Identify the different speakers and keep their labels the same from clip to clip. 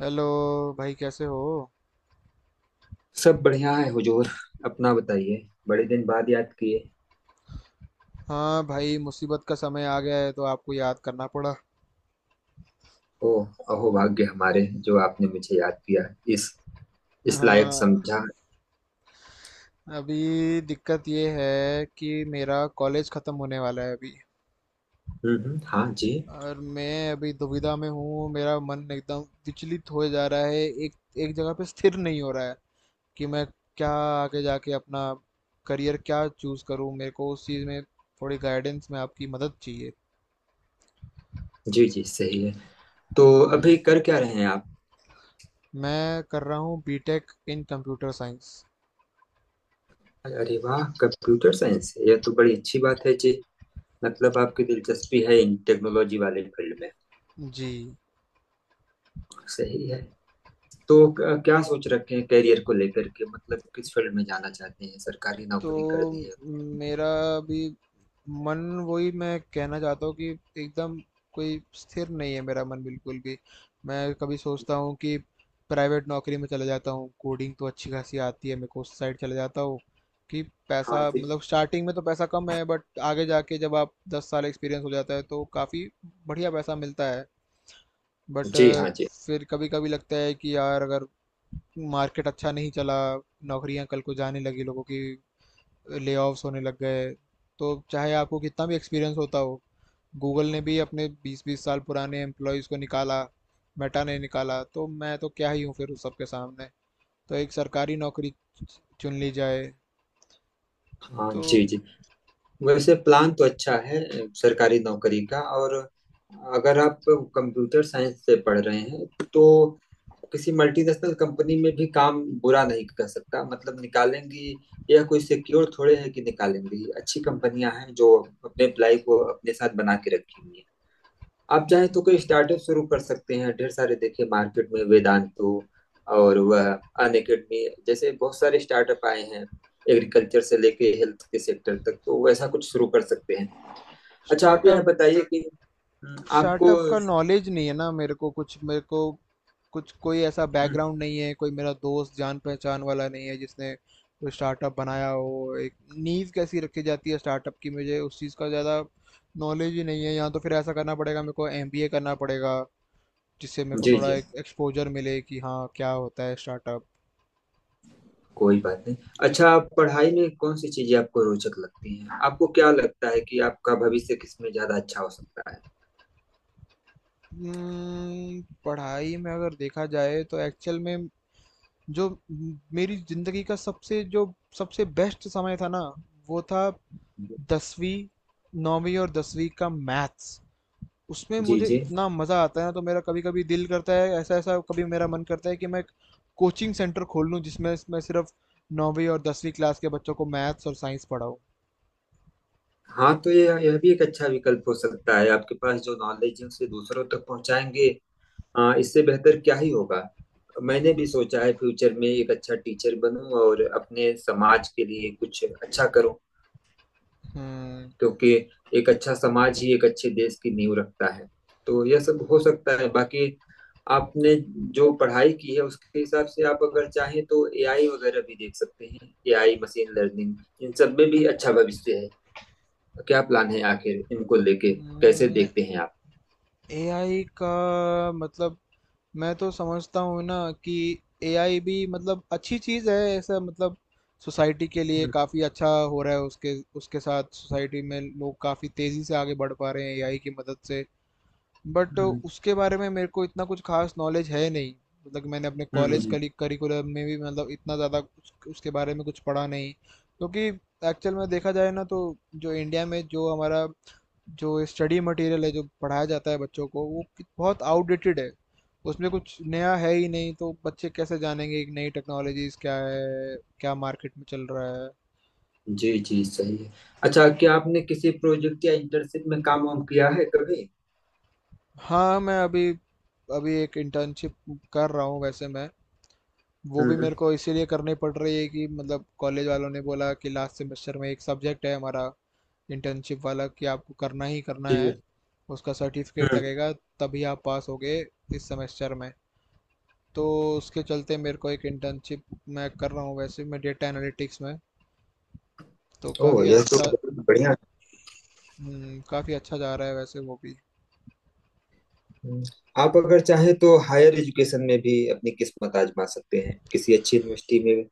Speaker 1: Hello. भाई कैसे हो?
Speaker 2: सब बढ़िया है हुजूर। अपना बताइए। बड़े दिन बाद याद किए।
Speaker 1: हाँ भाई, मुसीबत का समय आ गया है तो आपको याद करना पड़ा।
Speaker 2: ओ, अहो भाग्य हमारे जो आपने मुझे याद किया। इस इस लायक
Speaker 1: हाँ,
Speaker 2: समझा।
Speaker 1: अभी दिक्कत ये है कि मेरा कॉलेज ख़त्म होने वाला है अभी।
Speaker 2: हाँ जी।
Speaker 1: और मैं अभी दुविधा में हूँ, मेरा मन एकदम विचलित हो जा रहा है। एक एक जगह पे स्थिर नहीं हो रहा है कि मैं क्या आगे जाके अपना करियर क्या चूज़ करूँ। मेरे को उस चीज़ में थोड़ी गाइडेंस में आपकी मदद चाहिए।
Speaker 2: जी जी, सही है। तो अभी
Speaker 1: हम्म।
Speaker 2: कर क्या रहे हैं आप?
Speaker 1: मैं कर रहा हूँ बीटेक इन कंप्यूटर साइंस।
Speaker 2: अरे वाह, कंप्यूटर साइंस! यह तो बड़ी अच्छी बात है जी। मतलब आपकी दिलचस्पी है इन टेक्नोलॉजी वाले फील्ड में।
Speaker 1: जी।
Speaker 2: सही है। तो क्या सोच रखे हैं करियर को लेकर के? मतलब किस फील्ड में जाना चाहते हैं? सरकारी नौकरी
Speaker 1: तो
Speaker 2: करनी है?
Speaker 1: मेरा भी मन, वही मैं कहना चाहता हूँ कि एकदम कोई स्थिर नहीं है मेरा मन, बिल्कुल भी। मैं कभी सोचता हूँ कि प्राइवेट नौकरी में चला जाता हूँ, कोडिंग तो अच्छी खासी आती है, मेरे को उस साइड चला जाता हूँ कि
Speaker 2: हाँ
Speaker 1: पैसा,
Speaker 2: जी।
Speaker 1: मतलब स्टार्टिंग में तो पैसा कम है बट आगे जाके जब आप 10 साल एक्सपीरियंस हो जाता है तो काफ़ी बढ़िया पैसा मिलता है। बट
Speaker 2: जी हाँ जी।
Speaker 1: फिर कभी कभी लगता है कि यार, अगर मार्केट अच्छा नहीं चला, नौकरियां कल को जाने लगी लोगों की, लेऑफ्स होने लग गए, तो चाहे आपको कितना भी एक्सपीरियंस होता हो, गूगल ने भी अपने 20 20 साल पुराने एम्प्लॉयज़ को निकाला, मेटा ने निकाला, तो मैं तो क्या ही हूँ फिर उस सबके सामने। तो एक सरकारी नौकरी चुन ली जाए।
Speaker 2: हाँ
Speaker 1: तो
Speaker 2: जी जी। वैसे प्लान तो अच्छा है, सरकारी नौकरी का। और अगर आप कंप्यूटर साइंस से पढ़ रहे हैं तो किसी मल्टीनेशनल कंपनी में भी काम बुरा नहीं कर सकता, मतलब निकालेंगी। यह कोई सिक्योर थोड़े है कि निकालेंगी, अच्छी कंपनियां हैं जो अपने एम्प्लाई को अपने साथ बना के रखी हुई हैं। आप चाहें तो कोई स्टार्टअप शुरू कर सकते हैं। ढेर सारे देखिए मार्केट में, वेदांतो और वह अन अकेडमी जैसे बहुत सारे स्टार्टअप आए हैं। एग्रीकल्चर से लेके हेल्थ के सेक्टर तक, तो वैसा कुछ शुरू कर सकते हैं। अच्छा आप यह
Speaker 1: स्टार्टअप
Speaker 2: बताइए कि आपको
Speaker 1: स्टार्टअप का नॉलेज नहीं है ना। मेरे को कुछ कोई ऐसा
Speaker 2: हम्म,
Speaker 1: बैकग्राउंड नहीं है, कोई मेरा दोस्त जान पहचान वाला नहीं है जिसने कोई स्टार्टअप बनाया हो। एक नींव कैसी रखी जाती है स्टार्टअप की, मुझे उस चीज़ का ज़्यादा नॉलेज ही नहीं है। या तो फिर ऐसा करना पड़ेगा, मेरे को एमबीए करना पड़ेगा, जिससे मेरे को
Speaker 2: जी
Speaker 1: थोड़ा
Speaker 2: जी।
Speaker 1: एक एक्सपोजर मिले कि हाँ, क्या होता है स्टार्टअप।
Speaker 2: कोई बात नहीं। अच्छा आप पढ़ाई में कौन सी चीजें आपको रोचक लगती हैं? आपको क्या लगता है कि आपका भविष्य किसमें ज्यादा अच्छा हो सकता है?
Speaker 1: पढ़ाई में अगर देखा जाए तो एक्चुअल में मेरी जिंदगी का सबसे जो सबसे बेस्ट समय था ना, वो था दसवीं, 9वीं और 10वीं का मैथ्स। उसमें
Speaker 2: जी
Speaker 1: मुझे
Speaker 2: जी।
Speaker 1: इतना मज़ा आता है ना, तो मेरा कभी-कभी दिल करता है ऐसा, ऐसा कभी मेरा मन करता है कि मैं एक कोचिंग सेंटर खोल लूँ जिसमें मैं सिर्फ 9वीं और 10वीं क्लास के बच्चों को मैथ्स और साइंस पढ़ाऊँ।
Speaker 2: हाँ तो ये यह भी एक अच्छा विकल्प हो सकता है। आपके पास जो नॉलेज है उसे दूसरों तक पहुंचाएंगे। हाँ, इससे बेहतर क्या ही होगा। मैंने भी सोचा है फ्यूचर में एक अच्छा टीचर बनूं और अपने समाज के लिए कुछ अच्छा करूं।
Speaker 1: हम्म,
Speaker 2: क्योंकि एक अच्छा समाज ही एक अच्छे देश की नींव रखता है। तो यह सब हो सकता है, बाकी आपने जो पढ़ाई की है उसके हिसाब से आप अगर चाहें तो एआई वगैरह भी देख सकते हैं, एआई मशीन लर्निंग। इन सब में भी अच्छा भविष्य है। क्या प्लान है आखिर इनको लेके? कैसे
Speaker 1: हम्म।
Speaker 2: देखते हैं आप?
Speaker 1: एआई का मतलब, मैं तो समझता हूँ ना कि एआई भी मतलब अच्छी चीज़ है ऐसा, मतलब सोसाइटी के लिए
Speaker 2: हम्म,
Speaker 1: काफ़ी अच्छा हो रहा है। उसके उसके साथ सोसाइटी में लोग काफ़ी तेज़ी से आगे बढ़ पा रहे हैं एआई की मदद से। बट
Speaker 2: हम्म,
Speaker 1: उसके बारे में मेरे को इतना कुछ खास नॉलेज है नहीं, मतलब कि मैंने अपने कॉलेज
Speaker 2: हम्म।
Speaker 1: करिकुलम में भी मतलब इतना ज़्यादा उसके बारे में कुछ पढ़ा नहीं। क्योंकि एक्चुअल में देखा जाए ना तो जो इंडिया में जो हमारा जो स्टडी मटेरियल है, जो पढ़ाया जाता है बच्चों को, वो बहुत आउटडेटेड है। उसमें कुछ नया है ही नहीं, तो बच्चे कैसे जानेंगे कि नई टेक्नोलॉजीज क्या है, क्या मार्केट में चल रहा है।
Speaker 2: जी जी, जी सही है। अच्छा क्या आपने किसी प्रोजेक्ट या इंटर्नशिप में काम वाम किया है कभी?
Speaker 1: हाँ, मैं अभी अभी एक इंटर्नशिप कर रहा हूँ वैसे। मैं, वो भी
Speaker 2: हम्म।
Speaker 1: मेरे को इसीलिए करनी पड़ रही है कि मतलब कॉलेज वालों ने बोला कि लास्ट सेमेस्टर में एक सब्जेक्ट है हमारा इंटर्नशिप वाला, कि आपको करना ही करना है।
Speaker 2: जी।
Speaker 1: उसका सर्टिफिकेट
Speaker 2: हम्म।
Speaker 1: लगेगा, तभी आप पास होगे इस सेमेस्टर में। तो उसके चलते मेरे को एक इंटर्नशिप मैं कर रहा हूँ वैसे, मैं डेटा एनालिटिक्स में। तो
Speaker 2: ओ,
Speaker 1: काफ़ी
Speaker 2: यह तो
Speaker 1: अच्छा।
Speaker 2: बहुत बढ़िया।
Speaker 1: काफ़ी अच्छा जा रहा है वैसे वो भी।
Speaker 2: हम्म, आप अगर चाहें तो हायर एजुकेशन में भी अपनी किस्मत आजमा सकते हैं, किसी अच्छी यूनिवर्सिटी में।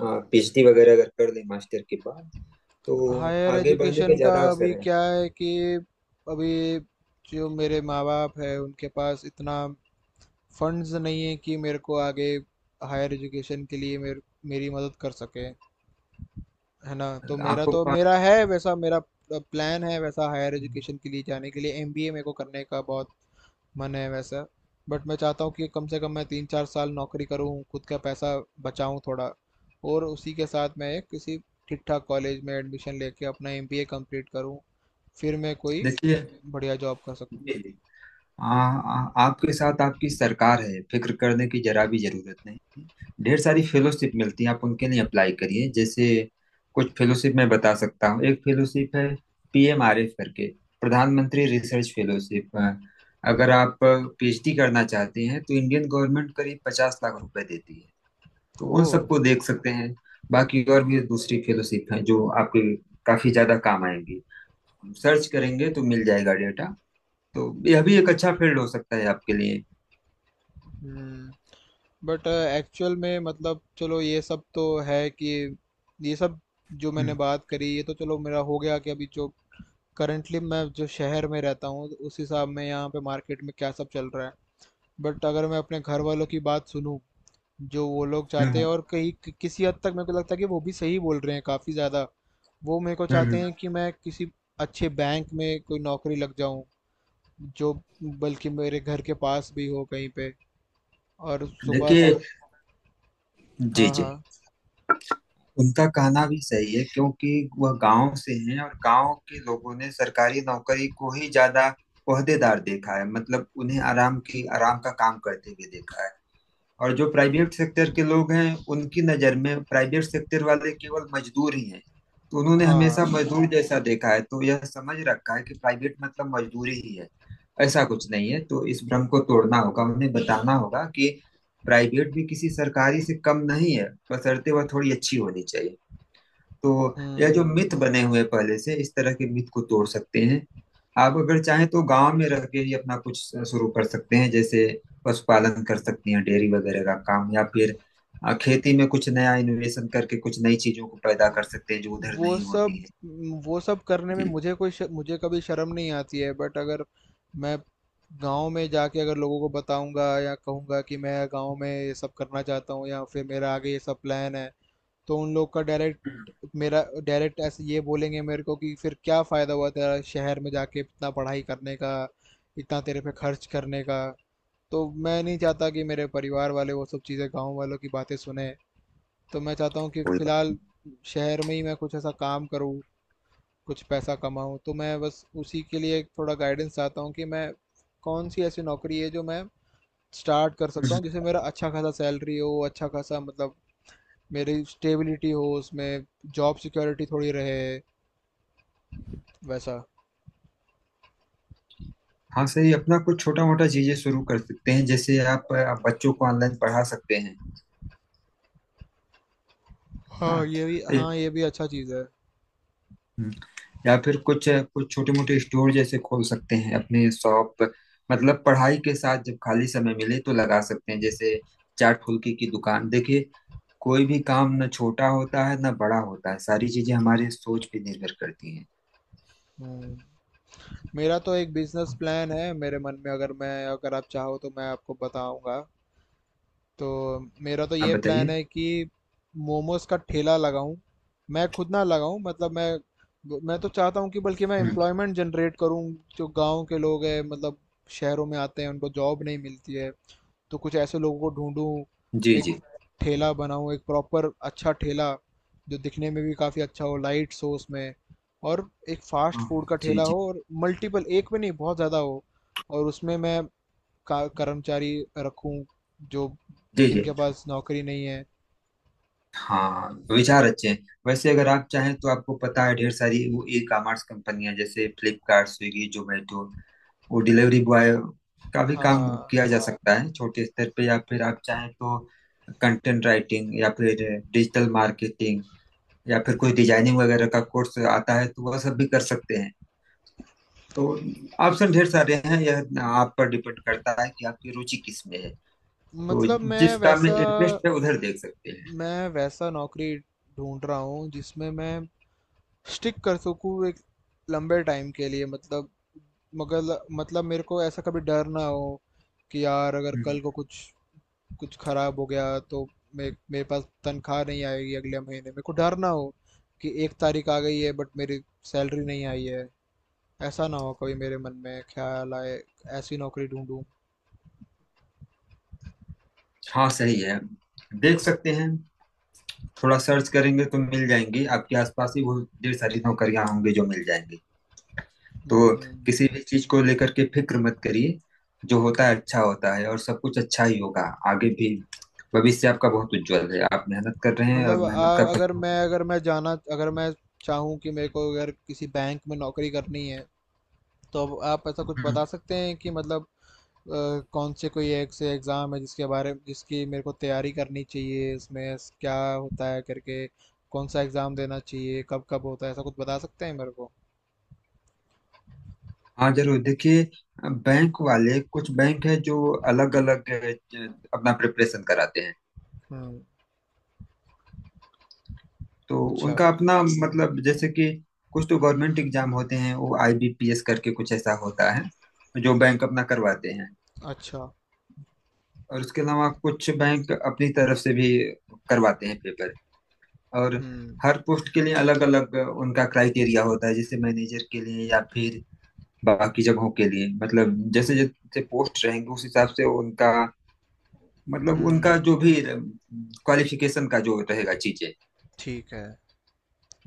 Speaker 2: पीएचडी वगैरह अगर कर लें मास्टर के बाद तो
Speaker 1: हायर
Speaker 2: आगे बढ़ने के
Speaker 1: एजुकेशन का
Speaker 2: ज्यादा
Speaker 1: अभी
Speaker 2: अवसर हैं।
Speaker 1: क्या है कि अभी जो मेरे माँ बाप है, उनके पास इतना फंड्स नहीं है कि मेरे को आगे हायर एजुकेशन के लिए मेरे मेरी मदद कर सके, है ना। तो मेरा
Speaker 2: आपको
Speaker 1: तो
Speaker 2: पा-
Speaker 1: मेरा है वैसा, मेरा प्लान है वैसा हायर
Speaker 2: है।
Speaker 1: एजुकेशन के लिए जाने के लिए, एमबीए मेरे को करने का बहुत मन है वैसा। बट मैं चाहता हूँ कि कम से कम मैं 3 4 साल नौकरी करूँ, खुद का पैसा बचाऊँ थोड़ा, और उसी के साथ मैं एक किसी ठीक ठाक कॉलेज में एडमिशन लेके अपना एमबीए कंप्लीट करूँ, फिर मैं कोई
Speaker 2: देखिए,
Speaker 1: बढ़िया जॉब कर सकूँ।
Speaker 2: जी जी। आ, आ, आपके साथ आपकी सरकार है, फिक्र करने की जरा भी जरूरत नहीं है। ढेर सारी फेलोशिप मिलती है, आप उनके लिए अप्लाई करिए। जैसे कुछ फेलोशिप मैं बता सकता हूँ, एक फेलोशिप है पीएमआरएफ करके, प्रधानमंत्री रिसर्च फेलोशिप। अगर
Speaker 1: हम्म।
Speaker 2: आप पीएचडी करना चाहते हैं तो इंडियन गवर्नमेंट करीब 50 लाख रुपए देती है। तो
Speaker 1: ओ।
Speaker 2: उन सबको देख सकते हैं। बाकी और भी दूसरी फेलोशिप हैं जो आपके काफी ज्यादा काम आएंगी। सर्च करेंगे तो मिल जाएगा। तो यह भी एक अच्छा फील्ड हो सकता है आपके लिए।
Speaker 1: हम्म। बट एक्चुअल में मतलब, चलो, ये सब तो है कि ये सब जो मैंने
Speaker 2: हम्म
Speaker 1: बात करी, ये तो चलो मेरा हो गया कि अभी जो करंटली मैं जो शहर में रहता हूँ, उस हिसाब में यहाँ पे मार्केट में क्या सब चल रहा है। बट अगर मैं अपने घर वालों की बात सुनूं, जो वो लोग चाहते
Speaker 2: हम्म
Speaker 1: हैं, और कहीं किसी हद तक मेरे को लगता है कि वो भी सही बोल रहे हैं काफ़ी ज़्यादा। वो मेरे को चाहते
Speaker 2: हम्म।
Speaker 1: हैं कि मैं किसी अच्छे बैंक में कोई नौकरी लग जाऊं, जो बल्कि मेरे घर के पास भी हो कहीं पे, और सुबह
Speaker 2: देखिए,
Speaker 1: से।
Speaker 2: जी
Speaker 1: हाँ,
Speaker 2: जी।
Speaker 1: हाँ,
Speaker 2: उनका कहना भी सही है, क्योंकि वह गांव से हैं और गांव के लोगों ने सरकारी नौकरी को ही ज्यादा ओहदेदार देखा है। मतलब उन्हें आराम की आराम का काम करते हुए देखा है। और जो प्राइवेट सेक्टर के लोग हैं, उनकी नज़र में प्राइवेट सेक्टर वाले केवल मजदूर ही हैं। तो उन्होंने
Speaker 1: हाँ।
Speaker 2: हमेशा मजदूर जैसा देखा है, तो यह समझ रखा है कि प्राइवेट मतलब मजदूरी ही है। ऐसा कुछ नहीं है, तो इस भ्रम को तोड़ना होगा, उन्हें बताना होगा कि प्राइवेट भी किसी सरकारी से कम नहीं है, बशर्ते वह थोड़ी अच्छी होनी चाहिए। तो यह जो
Speaker 1: हम्म।
Speaker 2: मिथ बने हुए हैं पहले से, इस तरह के मिथ को तोड़ सकते हैं। आप अगर चाहें तो गांव में रह के ही अपना कुछ शुरू कर सकते हैं, जैसे पशुपालन कर सकती हैं, डेयरी वगैरह का काम, या फिर खेती में कुछ नया इनोवेशन करके कुछ नई चीजों को पैदा कर सकते हैं जो उधर
Speaker 1: वो
Speaker 2: नहीं होती
Speaker 1: सब
Speaker 2: है।
Speaker 1: वो सब करने में
Speaker 2: जी।
Speaker 1: मुझे कभी शर्म नहीं आती है। बट अगर मैं गांव में जाके अगर लोगों को बताऊंगा या कहूंगा कि मैं गांव में ये सब करना चाहता हूँ, या फिर मेरा आगे ये सब प्लान है, तो उन लोग का
Speaker 2: हम्म,
Speaker 1: डायरेक्ट, मेरा डायरेक्ट ऐसे ये बोलेंगे मेरे को कि फिर क्या फ़ायदा हुआ तेरा शहर में जाके इतना पढ़ाई करने का, इतना तेरे पे खर्च करने का। तो मैं नहीं चाहता कि मेरे परिवार वाले वो सब चीज़ें गांव वालों की बातें सुने। तो मैं चाहता हूँ कि
Speaker 2: कोई बात।
Speaker 1: फ़िलहाल शहर में ही मैं कुछ ऐसा काम करूँ, कुछ पैसा कमाऊँ। तो मैं बस उसी के लिए थोड़ा गाइडेंस चाहता हूँ कि मैं कौन सी ऐसी नौकरी है जो मैं स्टार्ट कर सकता
Speaker 2: हम्म,
Speaker 1: हूँ, जिसमें मेरा अच्छा खासा सैलरी हो, अच्छा खासा मतलब मेरी स्टेबिलिटी हो उसमें, जॉब सिक्योरिटी थोड़ी रहे वैसा।
Speaker 2: हाँ सही। अपना कुछ छोटा मोटा चीजें शुरू कर सकते हैं, जैसे आप बच्चों को ऑनलाइन पढ़ा सकते हैं। हाँ।
Speaker 1: हाँ ये भी,
Speaker 2: हम्म।
Speaker 1: हाँ ये भी अच्छा चीज़ है।
Speaker 2: ए- या फिर कुछ कुछ छोटे मोटे स्टोर जैसे खोल सकते हैं, अपने शॉप। मतलब पढ़ाई के साथ जब खाली समय मिले तो लगा सकते हैं, जैसे चाट फुल्की की दुकान। देखिए, कोई भी काम ना छोटा होता है ना बड़ा होता है, सारी चीजें हमारे सोच पे निर्भर करती हैं।
Speaker 1: हम्म। मेरा तो एक बिजनेस प्लान है मेरे मन में। अगर आप चाहो तो मैं आपको बताऊंगा। तो मेरा तो
Speaker 2: आप
Speaker 1: ये प्लान
Speaker 2: बताइए।
Speaker 1: है कि मोमोज का ठेला लगाऊं। मैं खुद ना लगाऊं, मतलब मैं तो चाहता हूं कि बल्कि मैं
Speaker 2: हम्म।
Speaker 1: एम्प्लॉयमेंट जनरेट करूं। जो गांव के लोग हैं, मतलब शहरों में आते हैं उनको जॉब नहीं मिलती है, तो कुछ ऐसे लोगों को ढूंढूं,
Speaker 2: जी
Speaker 1: एक
Speaker 2: जी।
Speaker 1: ठेला बनाऊं, एक प्रॉपर अच्छा ठेला, जो दिखने में भी काफ़ी अच्छा हो, लाइट्स हो उसमें, और एक फास्ट फूड का
Speaker 2: हाँ, जी
Speaker 1: ठेला
Speaker 2: जी।
Speaker 1: हो, और मल्टीपल, एक में नहीं, बहुत ज़्यादा हो। और उसमें मैं कर्मचारी रखूं जो
Speaker 2: जी जी।
Speaker 1: जिनके पास नौकरी नहीं है।
Speaker 2: हाँ, विचार अच्छे हैं। वैसे अगर आप चाहें तो आपको पता है, ढेर सारी वो ई कॉमर्स कंपनियां जैसे फ्लिपकार्ट, स्विगी, जोमेटो, वो डिलीवरी बॉय का भी काम
Speaker 1: हाँ।
Speaker 2: किया जा सकता है छोटे स्तर पे। या फिर आप चाहें तो कंटेंट राइटिंग या फिर डिजिटल मार्केटिंग या फिर कोई डिजाइनिंग वगैरह का कोर्स आता है तो वह सब भी कर सकते हैं। तो ऑप्शन ढेर सारे हैं, यह आप पर डिपेंड करता है कि आपकी रुचि किस में है। तो
Speaker 1: मतलब मैं
Speaker 2: जिस काम में
Speaker 1: वैसा
Speaker 2: इंटरेस्ट है उधर देख सकते हैं।
Speaker 1: मैं वैसा नौकरी ढूंढ रहा हूँ जिसमें मैं स्टिक कर सकूँ एक लंबे टाइम के लिए, मतलब, मगर मतलब मेरे को ऐसा कभी डर ना हो कि यार, अगर
Speaker 2: हम्म।
Speaker 1: कल को कुछ कुछ खराब हो गया तो मे मेरे पास तनख्वाह नहीं आएगी अगले महीने, मेरे को डर ना हो कि एक तारीख आ गई है बट मेरी सैलरी नहीं आई है, ऐसा ना हो कभी मेरे मन में ख्याल आए। ऐसी नौकरी ढूंढूं।
Speaker 2: हाँ सही है, देख सकते हैं। थोड़ा सर्च करेंगे तो मिल जाएंगी, आपके आसपास ही वो ढेर सारी नौकरियां होंगी जो मिल जाएंगी। तो
Speaker 1: हम्म,
Speaker 2: किसी भी चीज को लेकर के फिक्र मत करिए। जो होता है अच्छा होता है, और सब कुछ अच्छा ही होगा आगे भी। भविष्य आपका बहुत उज्जवल है। आप मेहनत कर रहे हैं, और
Speaker 1: मतलब
Speaker 2: मेहनत का फल।
Speaker 1: अगर मैं चाहूँ कि मेरे को अगर किसी बैंक में नौकरी करनी है, तो अब आप ऐसा कुछ
Speaker 2: हम्म,
Speaker 1: बता सकते हैं कि मतलब कौन से कोई एक से एग्ज़ाम है जिसके बारे में जिसकी मेरे को तैयारी करनी चाहिए, इसमें क्या होता है करके, कौन सा एग्ज़ाम देना चाहिए, कब कब होता है, ऐसा कुछ बता सकते हैं मेरे को।
Speaker 2: हाँ जरूर देखिए। बैंक वाले, कुछ बैंक है जो अलग अलग अपना प्रिपरेशन कराते हैं।
Speaker 1: हम्म।
Speaker 2: तो
Speaker 1: अच्छा।
Speaker 2: उनका अपना मतलब, जैसे कि कुछ तो गवर्नमेंट एग्जाम होते हैं, वो आईबीपीएस करके कुछ ऐसा होता है जो बैंक अपना करवाते हैं।
Speaker 1: अच्छा।
Speaker 2: और उसके अलावा कुछ बैंक अपनी तरफ से भी करवाते हैं पेपर। और
Speaker 1: हम्म।
Speaker 2: हर पोस्ट के लिए अलग अलग उनका क्राइटेरिया होता है, जैसे मैनेजर के लिए या फिर बाकी जगहों के लिए, मतलब जैसे जैसे पोस्ट रहेंगे उस हिसाब से उनका, मतलब उनका
Speaker 1: हम्म।
Speaker 2: जो भी क्वालिफिकेशन का जो रहेगा चीजें।
Speaker 1: ठीक है।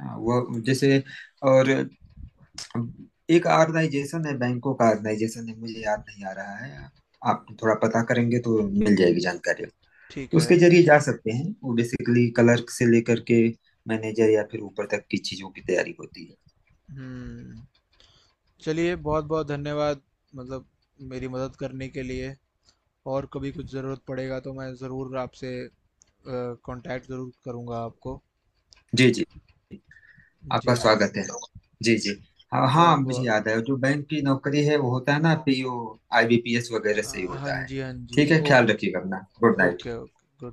Speaker 2: हाँ, वो जैसे। और हम- एक ऑर्गेनाइजेशन है, बैंकों का ऑर्गेनाइजेशन है, मुझे याद नहीं आ रहा है। आप थोड़ा पता करेंगे तो मिल जाएगी जानकारी। तो
Speaker 1: ठीक है।
Speaker 2: उसके जरिए जा सकते हैं, वो बेसिकली क्लर्क से लेकर के मैनेजर या फिर ऊपर तक की चीजों की तैयारी होती है।
Speaker 1: हम्म। चलिए, बहुत-बहुत धन्यवाद, मतलब मेरी मदद करने के लिए। और कभी कुछ ज़रूरत पड़ेगा तो मैं ज़रूर आपसे अ, कांटेक्ट ज़रूर करूँगा आपको।
Speaker 2: जी जी।
Speaker 1: जी,
Speaker 2: आपका स्वागत है। जी जी। हाँ हाँ, मुझे
Speaker 1: बहुत-बहुत।
Speaker 2: याद है, जो बैंक की नौकरी है वो होता है ना, पीओ आईबीपीएस वगैरह से ही
Speaker 1: हाँ
Speaker 2: होता है।
Speaker 1: जी, हाँ जी।
Speaker 2: ठीक है,
Speaker 1: ओ।
Speaker 2: ख्याल रखिएगा अपना। Good night.
Speaker 1: Okay, okay, good night.